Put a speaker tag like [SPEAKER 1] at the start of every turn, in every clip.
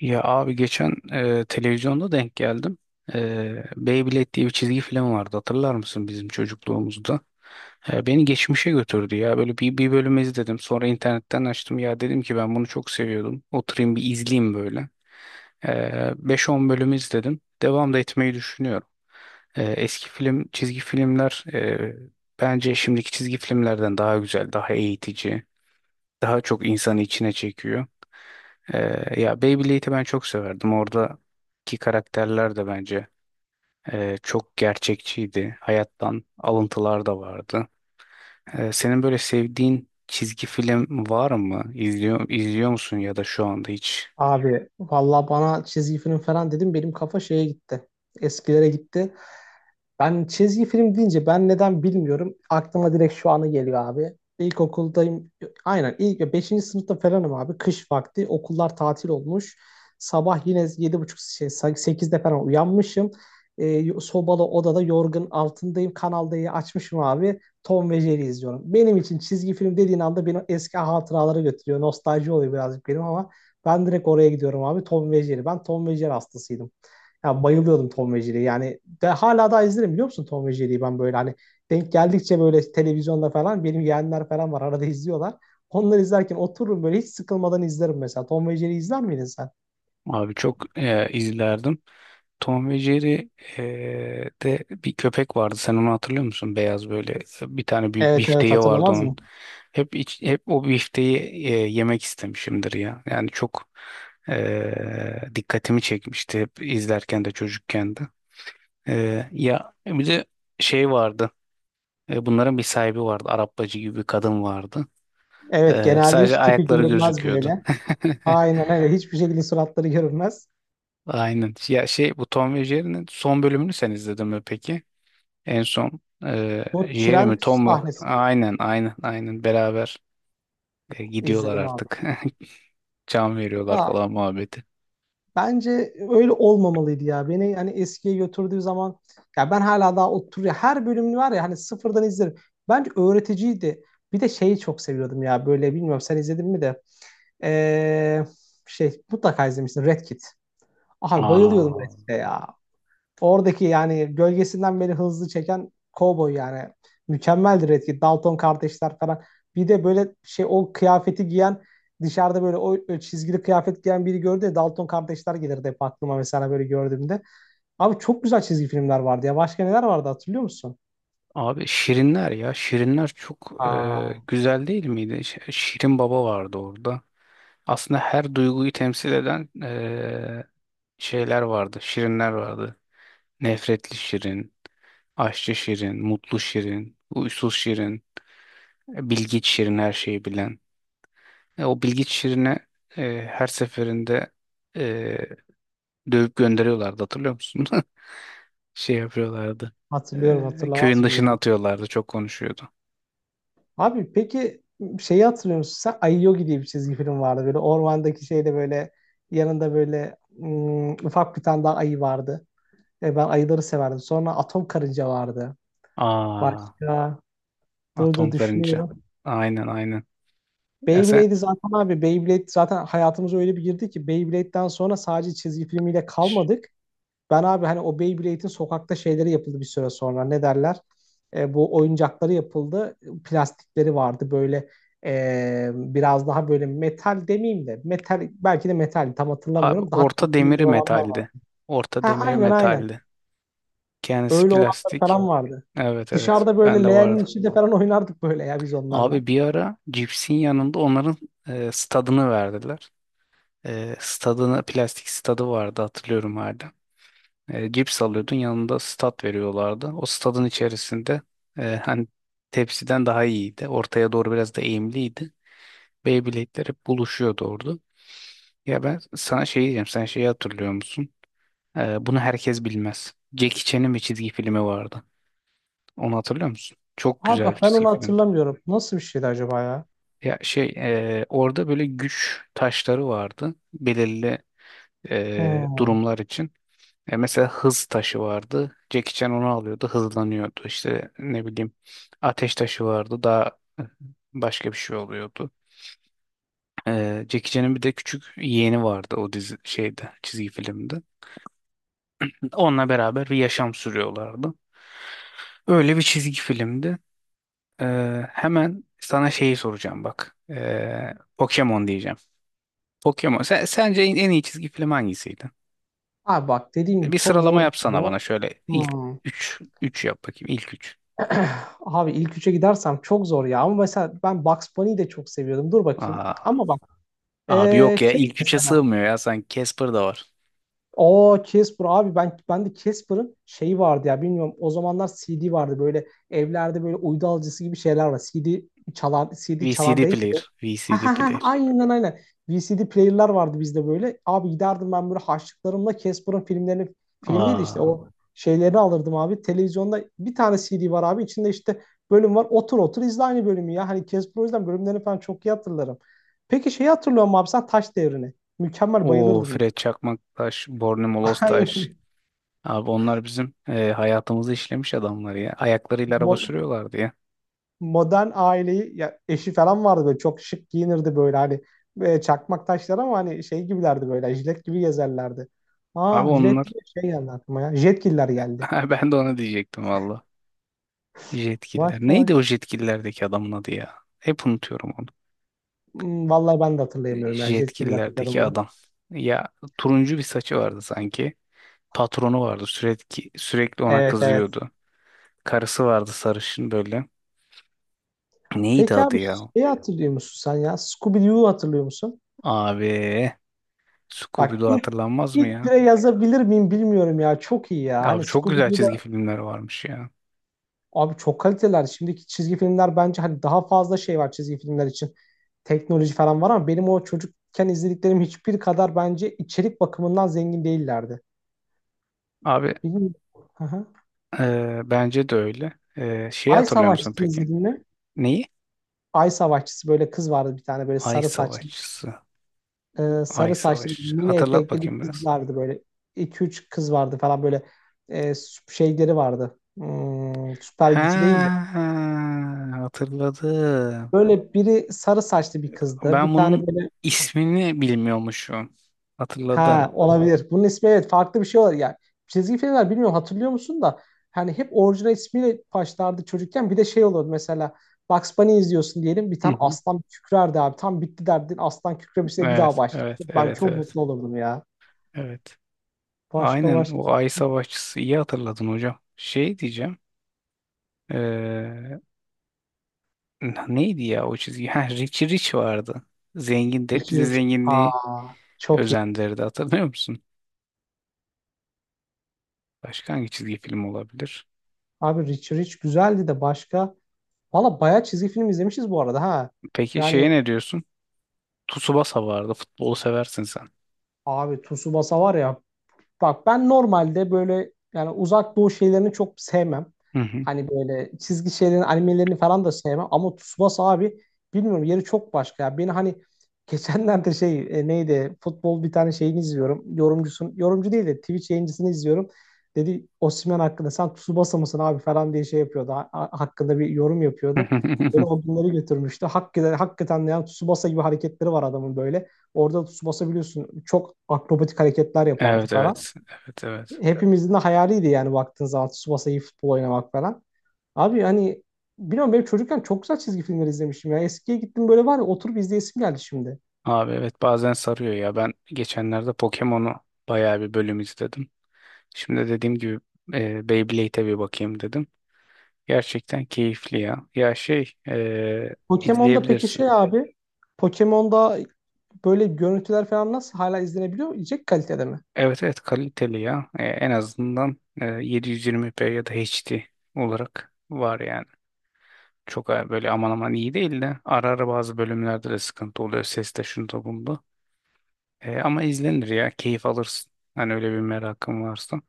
[SPEAKER 1] Ya abi geçen televizyonda denk geldim. Beyblade diye bir çizgi film vardı. Hatırlar mısın bizim çocukluğumuzda? Beni geçmişe götürdü ya. Böyle bir bölüm izledim. Sonra internetten açtım. Ya dedim ki ben bunu çok seviyordum. Oturayım bir izleyeyim böyle. E, 5-10 bölüm izledim. Devam da etmeyi düşünüyorum. Eski film, çizgi filmler bence şimdiki çizgi filmlerden daha güzel, daha eğitici, daha çok insanı içine çekiyor. Ya Beyblade'i ben çok severdim. Oradaki karakterler de bence çok gerçekçiydi. Hayattan alıntılar da vardı. Senin böyle sevdiğin çizgi film var mı? İzliyor musun ya da şu anda hiç?
[SPEAKER 2] Abi valla bana çizgi film falan dedim benim kafa şeye gitti. Eskilere gitti. Ben çizgi film deyince ben neden bilmiyorum. Aklıma direkt şu anı geliyor abi. İlkokuldayım. Aynen ilk beşinci sınıfta falanım abi. Kış vakti okullar tatil olmuş. Sabah yine 7:30 şey, 8'de falan uyanmışım. Sobalı odada yorgun altındayım. Kanal D'yi açmışım abi. Tom ve Jerry izliyorum. Benim için çizgi film dediğin anda beni eski hatıralara götürüyor. Nostalji oluyor birazcık benim ama ben direkt oraya gidiyorum abi. Tom ve Jerry. Ben Tom ve Jerry hastasıydım. Ya, bayılıyordum Tom ve Jerry'ye. Yani de, hala daha izlerim biliyor musun Tom ve Jerry'yi ben böyle hani denk geldikçe böyle televizyonda falan benim yeğenler falan var arada izliyorlar. Onları izlerken otururum böyle hiç sıkılmadan izlerim mesela. Tom ve Jerry izler miydin sen?
[SPEAKER 1] Abi çok izlerdim. Tom ve Jerry de bir köpek vardı. Sen onu hatırlıyor musun? Beyaz böyle bir tane büyük
[SPEAKER 2] Evet evet,
[SPEAKER 1] bifteği vardı
[SPEAKER 2] hatırlamaz
[SPEAKER 1] onun.
[SPEAKER 2] mı?
[SPEAKER 1] Hep o bifteği yemek istemişimdir ya. Yani çok dikkatimi çekmişti hep izlerken de çocukken de. Ya bir de şey vardı. Bunların bir sahibi vardı. Arap bacı gibi bir kadın vardı.
[SPEAKER 2] Evet, genelde hiç
[SPEAKER 1] Sadece
[SPEAKER 2] tipi
[SPEAKER 1] ayakları
[SPEAKER 2] görünmez
[SPEAKER 1] gözüküyordu.
[SPEAKER 2] böyle. Aynen öyle, hiçbir şekilde suratları görünmez.
[SPEAKER 1] Aynen. Ya şey, bu Tom ve Jerry'nin son bölümünü sen izledin mi peki? En son
[SPEAKER 2] Bu tren
[SPEAKER 1] Jeremy, Tom'u
[SPEAKER 2] sahnesini
[SPEAKER 1] aynen aynen aynen beraber gidiyorlar
[SPEAKER 2] izledim abi.
[SPEAKER 1] artık. Can veriyorlar
[SPEAKER 2] Ya,
[SPEAKER 1] falan muhabbeti.
[SPEAKER 2] bence öyle olmamalıydı ya. Beni hani eskiye götürdüğü zaman ya ben hala daha oturuyor. Her bölümünü var ya, hani sıfırdan izlerim. Bence öğreticiydi. Bir de şeyi çok seviyordum ya, böyle bilmiyorum sen izledin mi de. Ee, Şey, mutlaka izlemişsin Red Kit. Abi bayılıyordum Red
[SPEAKER 1] Aa,
[SPEAKER 2] Kit'e ya. Oradaki yani gölgesinden beni hızlı çeken Cowboy yani. Mükemmeldir etki. Dalton kardeşler falan. Bir de böyle şey o kıyafeti giyen dışarıda böyle o çizgili kıyafet giyen biri gördü ya, Dalton kardeşler gelirdi hep aklıma mesela böyle gördüğümde. Abi çok güzel çizgi filmler vardı ya. Başka neler vardı hatırlıyor musun?
[SPEAKER 1] abi Şirinler ya Şirinler çok
[SPEAKER 2] Aa,
[SPEAKER 1] güzel değil miydi? Şirin Baba vardı orada. Aslında her duyguyu temsil eden şeyler vardı. Şirinler vardı. Nefretli Şirin, Aşçı Şirin, Mutlu Şirin, Huysuz Şirin, Bilgiç Şirin, her şeyi bilen. O Bilgeç Şirin'i her seferinde e, dövüp gönderiyorlardı, hatırlıyor musun? Şey yapıyorlardı.
[SPEAKER 2] hatırlıyorum, hatırlamaz
[SPEAKER 1] Köyün
[SPEAKER 2] mı
[SPEAKER 1] dışına
[SPEAKER 2] ya?
[SPEAKER 1] atıyorlardı. Çok konuşuyordu.
[SPEAKER 2] Abi peki şeyi hatırlıyor musun sen? Ayogi diye bir çizgi film vardı. Böyle ormandaki şeyde böyle yanında böyle ufak bir tane daha ayı vardı. Ben ayıları severdim. Sonra atom karınca vardı.
[SPEAKER 1] Aa,
[SPEAKER 2] Başka, dur dur
[SPEAKER 1] atom karınca.
[SPEAKER 2] düşünüyorum.
[SPEAKER 1] Aynen aynen. Ya sen,
[SPEAKER 2] Beyblade'i zaten abi, Beyblade zaten hayatımıza öyle bir girdi ki Beyblade'den sonra sadece çizgi filmiyle
[SPEAKER 1] Ş-
[SPEAKER 2] kalmadık. Ben abi hani o Beyblade'in sokakta şeyleri yapıldı bir süre sonra. Ne derler? Bu oyuncakları yapıldı. Plastikleri vardı böyle, biraz daha böyle metal demeyeyim de metal, belki de metal tam
[SPEAKER 1] abi
[SPEAKER 2] hatırlamıyorum. Daha
[SPEAKER 1] orta
[SPEAKER 2] kaliteli
[SPEAKER 1] demiri
[SPEAKER 2] olanlar
[SPEAKER 1] metaldi.
[SPEAKER 2] vardı.
[SPEAKER 1] Orta
[SPEAKER 2] Ha,
[SPEAKER 1] demiri
[SPEAKER 2] aynen aynen.
[SPEAKER 1] metaldi. Kendisi
[SPEAKER 2] Öyle olanlar
[SPEAKER 1] plastik.
[SPEAKER 2] falan vardı.
[SPEAKER 1] Evet evet.
[SPEAKER 2] Dışarıda böyle
[SPEAKER 1] Bende
[SPEAKER 2] leğenin
[SPEAKER 1] vardı.
[SPEAKER 2] içinde falan oynardık böyle ya biz onlarla.
[SPEAKER 1] Abi bir ara cipsin yanında onların stadını verdiler. Stadına, plastik stadı vardı hatırlıyorum hala. Cips alıyordun, yanında stat veriyorlardı. O stadın içerisinde hani tepsiden daha iyiydi. Ortaya doğru biraz da eğimliydi. Beyblade'ler hep buluşuyordu orada. Ya ben sana şey diyeceğim. Sen şeyi hatırlıyor musun? Bunu herkes bilmez. Jackie Chan'ın bir çizgi filmi vardı. Onu hatırlıyor musun? Çok
[SPEAKER 2] Abi
[SPEAKER 1] güzel bir
[SPEAKER 2] bak ben
[SPEAKER 1] çizgi
[SPEAKER 2] onu
[SPEAKER 1] filmdi.
[SPEAKER 2] hatırlamıyorum. Nasıl bir şeydi acaba ya?
[SPEAKER 1] Ya şey, orada böyle güç taşları vardı. Belirli
[SPEAKER 2] Hmm.
[SPEAKER 1] durumlar için. Mesela hız taşı vardı. Jackie Chan onu alıyordu, hızlanıyordu. İşte ne bileyim, ateş taşı vardı. Daha başka bir şey oluyordu. Jackie Chan'ın bir de küçük yeğeni vardı o dizi şeyde, çizgi filmde. Onunla beraber bir yaşam sürüyorlardı. Öyle bir çizgi filmdi. E, Hemen sana şeyi soracağım bak. Pokemon diyeceğim. Pokemon. Sence en iyi çizgi film hangisiydi?
[SPEAKER 2] Abi bak dediğim gibi
[SPEAKER 1] Bir
[SPEAKER 2] çok
[SPEAKER 1] sıralama
[SPEAKER 2] zor bir şey
[SPEAKER 1] yapsana
[SPEAKER 2] bu.
[SPEAKER 1] bana şöyle, ilk
[SPEAKER 2] Hmm.
[SPEAKER 1] üç yap bakayım, ilk 3.
[SPEAKER 2] Abi ilk üçe gidersem çok zor ya. Ama mesela ben Bugs Bunny'yi de çok seviyordum. Dur bakayım. Ama bak,
[SPEAKER 1] Abi yok ya,
[SPEAKER 2] şey
[SPEAKER 1] ilk üçe
[SPEAKER 2] mesela.
[SPEAKER 1] sığmıyor ya, sanki Casper da var.
[SPEAKER 2] O Casper abi, ben de Casper'ın şeyi vardı ya, bilmiyorum o zamanlar CD vardı, böyle evlerde böyle uydu alıcısı gibi şeyler var. CD çalar, CD çalar
[SPEAKER 1] VCD
[SPEAKER 2] değil
[SPEAKER 1] player.
[SPEAKER 2] de. Ha
[SPEAKER 1] VCD
[SPEAKER 2] ha ha,
[SPEAKER 1] player.
[SPEAKER 2] aynen aynen. VCD player'lar vardı bizde böyle. Abi giderdim ben böyle harçlıklarımla Casper'ın filmlerini, film değil de işte
[SPEAKER 1] Aa.
[SPEAKER 2] o şeylerini alırdım abi. Televizyonda bir tane CD var abi, içinde işte bölüm var. Otur otur izle aynı bölümü ya. Hani Casper, o yüzden bölümlerini falan çok iyi hatırlarım. Peki şeyi hatırlıyor musun abi sen, Taş Devri'ni? Mükemmel,
[SPEAKER 1] O
[SPEAKER 2] bayılırdım ya.
[SPEAKER 1] Fred Çakmaktaş, Borne Molostaş.
[SPEAKER 2] Aynen.
[SPEAKER 1] Abi onlar bizim hayatımızı işlemiş adamlar ya. Ayaklarıyla araba
[SPEAKER 2] Mo-
[SPEAKER 1] sürüyorlardı ya.
[SPEAKER 2] modern aileyi, ya eşi falan vardı böyle, çok şık giyinirdi böyle hani, çakmak taşlar ama hani şey gibilerdi böyle, jilet gibi gezerlerdi.
[SPEAKER 1] Abi
[SPEAKER 2] Aa, jilet
[SPEAKER 1] onlar
[SPEAKER 2] diye şey geldi aklıma ya. Jetgiller geldi.
[SPEAKER 1] ha, ben de ona diyecektim valla. Jetkiller.
[SPEAKER 2] Başka
[SPEAKER 1] Neydi
[SPEAKER 2] başka.
[SPEAKER 1] o Jetkiller'deki adamın adı ya? Hep unutuyorum onu.
[SPEAKER 2] Hmm, vallahi ben de hatırlayamıyorum ya. Jetgiller bekledim
[SPEAKER 1] Jetkiller'deki
[SPEAKER 2] onu.
[SPEAKER 1] adam. Ya, turuncu bir saçı vardı sanki. Patronu vardı. Sürekli sürekli ona
[SPEAKER 2] Evet evet.
[SPEAKER 1] kızıyordu. Karısı vardı sarışın böyle. Neydi
[SPEAKER 2] Peki
[SPEAKER 1] adı
[SPEAKER 2] abi
[SPEAKER 1] ya?
[SPEAKER 2] şeyi hatırlıyor musun sen ya? Scooby-Doo'yu hatırlıyor musun?
[SPEAKER 1] Abi
[SPEAKER 2] Bak
[SPEAKER 1] Scooby-Doo
[SPEAKER 2] ilk,
[SPEAKER 1] hatırlanmaz mı
[SPEAKER 2] ilk
[SPEAKER 1] ya?
[SPEAKER 2] bire yazabilir miyim bilmiyorum ya. Çok iyi ya. Hani
[SPEAKER 1] Abi çok güzel çizgi
[SPEAKER 2] Scooby-Doo'da.
[SPEAKER 1] filmler varmış ya.
[SPEAKER 2] Abi çok kaliteler. Şimdiki çizgi filmler bence hani daha fazla şey var çizgi filmler için. Teknoloji falan var ama benim o çocukken izlediklerim hiçbir kadar bence içerik bakımından zengin değillerdi.
[SPEAKER 1] Abi
[SPEAKER 2] Bilmiyorum. Hı hı.
[SPEAKER 1] bence de öyle. Şeyi
[SPEAKER 2] Ay
[SPEAKER 1] hatırlıyor musun
[SPEAKER 2] Savaşçısı
[SPEAKER 1] peki?
[SPEAKER 2] izledin mi?
[SPEAKER 1] Neyi?
[SPEAKER 2] Ay Savaşçısı, böyle kız vardı bir tane, böyle
[SPEAKER 1] Ay
[SPEAKER 2] sarı saçlı
[SPEAKER 1] Savaşçısı. Ay
[SPEAKER 2] sarı saçlı
[SPEAKER 1] Savaşçı.
[SPEAKER 2] mini
[SPEAKER 1] Hatırlat
[SPEAKER 2] etekli bir
[SPEAKER 1] bakayım
[SPEAKER 2] kız
[SPEAKER 1] biraz.
[SPEAKER 2] vardı böyle. İki üç kız vardı falan böyle şeyleri vardı. Hmm, süper gücü değildi.
[SPEAKER 1] Ha, hatırladım.
[SPEAKER 2] Böyle biri sarı saçlı bir kızdı. Bir
[SPEAKER 1] Ben bunun
[SPEAKER 2] tane böyle.
[SPEAKER 1] ismini bilmiyormuşum. Hatırladım.
[SPEAKER 2] Ha, olabilir. Bunun ismi evet farklı bir şey olabilir. Yani çizgi filmler bilmiyorum hatırlıyor musun da hani hep orijinal ismiyle başlardı çocukken. Bir de şey olurdu mesela, Bugs Bunny izliyorsun diyelim, bir
[SPEAKER 1] Hı
[SPEAKER 2] tane
[SPEAKER 1] hı.
[SPEAKER 2] aslan kükrerdi abi. Tam bitti derdin, aslan kükremişse bir daha
[SPEAKER 1] Evet,
[SPEAKER 2] başladı.
[SPEAKER 1] evet,
[SPEAKER 2] Ben
[SPEAKER 1] evet,
[SPEAKER 2] çok
[SPEAKER 1] evet.
[SPEAKER 2] mutlu olurdum ya.
[SPEAKER 1] Evet.
[SPEAKER 2] Başka
[SPEAKER 1] Aynen,
[SPEAKER 2] başka.
[SPEAKER 1] o ay savaşçısı, iyi hatırladın hocam. Şey diyeceğim. eee, Neydi ya o çizgi? Ha, Richie Rich vardı. Zengin de hep
[SPEAKER 2] Richie
[SPEAKER 1] bize
[SPEAKER 2] Rich.
[SPEAKER 1] zenginliği
[SPEAKER 2] Aa, çok iyi.
[SPEAKER 1] özendirdi, hatırlıyor musun? Başka hangi çizgi film olabilir?
[SPEAKER 2] Abi Richie Rich güzeldi de, başka? Valla bayağı çizgi film izlemişiz bu arada ha.
[SPEAKER 1] Peki şeye
[SPEAKER 2] Yani
[SPEAKER 1] ne diyorsun? Tsubasa vardı. Futbolu seversin sen.
[SPEAKER 2] abi Tsubasa var ya. Bak ben normalde böyle yani uzak doğu şeylerini çok sevmem.
[SPEAKER 1] Hı hı.
[SPEAKER 2] Hani böyle çizgi şeylerin animelerini falan da sevmem. Ama Tsubasa abi bilmiyorum, yeri çok başka ya. Beni hani geçenlerde şey, neydi, futbol bir tane şeyini izliyorum. Yorumcusun, yorumcu değil de Twitch yayıncısını izliyorum. Dedi Osimhen hakkında, sen Tsubasa mısın abi falan diye şey yapıyordu. Hakkında bir yorum yapıyordu. Beni o günleri götürmüştü. Hakikaten, hakikaten de yani Tsubasa gibi hareketleri var adamın böyle. Orada Tsubasa biliyorsun çok akrobatik hareketler yapardı
[SPEAKER 1] Evet
[SPEAKER 2] falan,
[SPEAKER 1] evet. Evet evet.
[SPEAKER 2] hepimizin de hayaliydi yani baktığın zaman Tsubasa iyi futbol oynamak falan. Abi hani bilmiyorum benim çocukken çok güzel çizgi filmler izlemişim ya. Eskiye gittim, böyle var ya oturup izleyesim geldi şimdi.
[SPEAKER 1] Abi evet, bazen sarıyor ya. Ben geçenlerde Pokemon'u bayağı bir bölüm izledim. Şimdi dediğim gibi Beyblade'e bir bakayım dedim. Gerçekten keyifli ya. Ya şey,
[SPEAKER 2] Pokemon'da peki
[SPEAKER 1] izleyebilirsin.
[SPEAKER 2] şey abi, Pokemon'da böyle görüntüler falan nasıl hala izlenebiliyor? Yiyecek kalitede mi?
[SPEAKER 1] Evet evet, kaliteli ya. En azından 720p ya da HD olarak var yani. Çok böyle aman aman iyi değil de, ara ara bazı bölümlerde de sıkıntı oluyor. Seste, şunda bunda. Ama izlenir ya. Keyif alırsın. Hani öyle bir merakın varsa.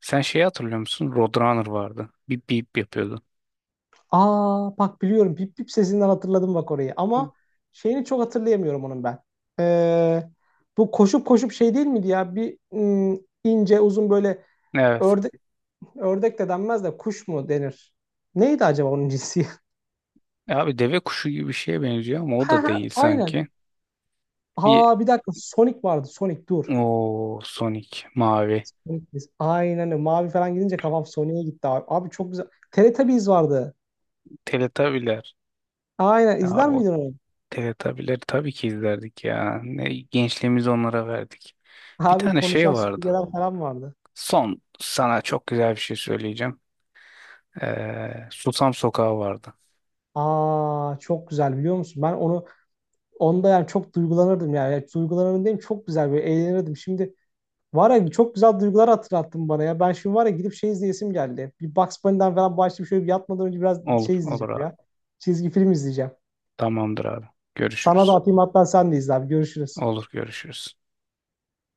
[SPEAKER 1] Sen şeyi hatırlıyor musun? Roadrunner vardı. Bip bip yapıyordu.
[SPEAKER 2] Aa, bak biliyorum, bip bip sesinden hatırladım bak orayı ama şeyini çok hatırlayamıyorum onun ben. Ee, Bu koşup koşup şey değil miydi ya, bir ince uzun böyle,
[SPEAKER 1] Evet.
[SPEAKER 2] örde, ördek de denmez de kuş mu denir? Neydi acaba onun cinsi?
[SPEAKER 1] Abi deve kuşu gibi bir şeye benziyor ama o
[SPEAKER 2] Ha
[SPEAKER 1] da
[SPEAKER 2] ha,
[SPEAKER 1] değil
[SPEAKER 2] aynen.
[SPEAKER 1] sanki. Bir
[SPEAKER 2] Ha, bir dakika, Sonic vardı. Sonic, dur.
[SPEAKER 1] O Sonic mavi.
[SPEAKER 2] Sonic biz. Aynen öyle. Mavi falan gidince kafam Sonic'e gitti abi. Abi çok güzel. Teletubbies vardı.
[SPEAKER 1] Teletabiler.
[SPEAKER 2] Aynen,
[SPEAKER 1] Abi
[SPEAKER 2] izler
[SPEAKER 1] o
[SPEAKER 2] miydin onu?
[SPEAKER 1] Teletabileri tabii ki izlerdik ya. Ne gençliğimizi onlara verdik. Bir
[SPEAKER 2] Abi
[SPEAKER 1] tane şey
[SPEAKER 2] konuşan
[SPEAKER 1] vardı.
[SPEAKER 2] süpürgeler falan vardı.
[SPEAKER 1] Son sana çok güzel bir şey söyleyeceğim. Susam Sokağı vardı.
[SPEAKER 2] Aa, çok güzel, biliyor musun? Ben onu, onda yani çok duygulanırdım yani. Yani duygulanırdım diyeyim, çok güzel böyle eğlenirdim. Şimdi var ya, çok güzel duygular hatırlattın bana ya. Ben şimdi var ya gidip şey izleyesim geldi. Bir Bugs Bunny'den falan başlayıp şöyle bir, yatmadan önce biraz
[SPEAKER 1] Olur,
[SPEAKER 2] şey
[SPEAKER 1] olur
[SPEAKER 2] izleyeceğim
[SPEAKER 1] abi.
[SPEAKER 2] ya. Çizgi film izleyeceğim.
[SPEAKER 1] Tamamdır abi.
[SPEAKER 2] Sana da
[SPEAKER 1] Görüşürüz.
[SPEAKER 2] atayım, hatta sen de izle abi. Görüşürüz.
[SPEAKER 1] Olur, görüşürüz.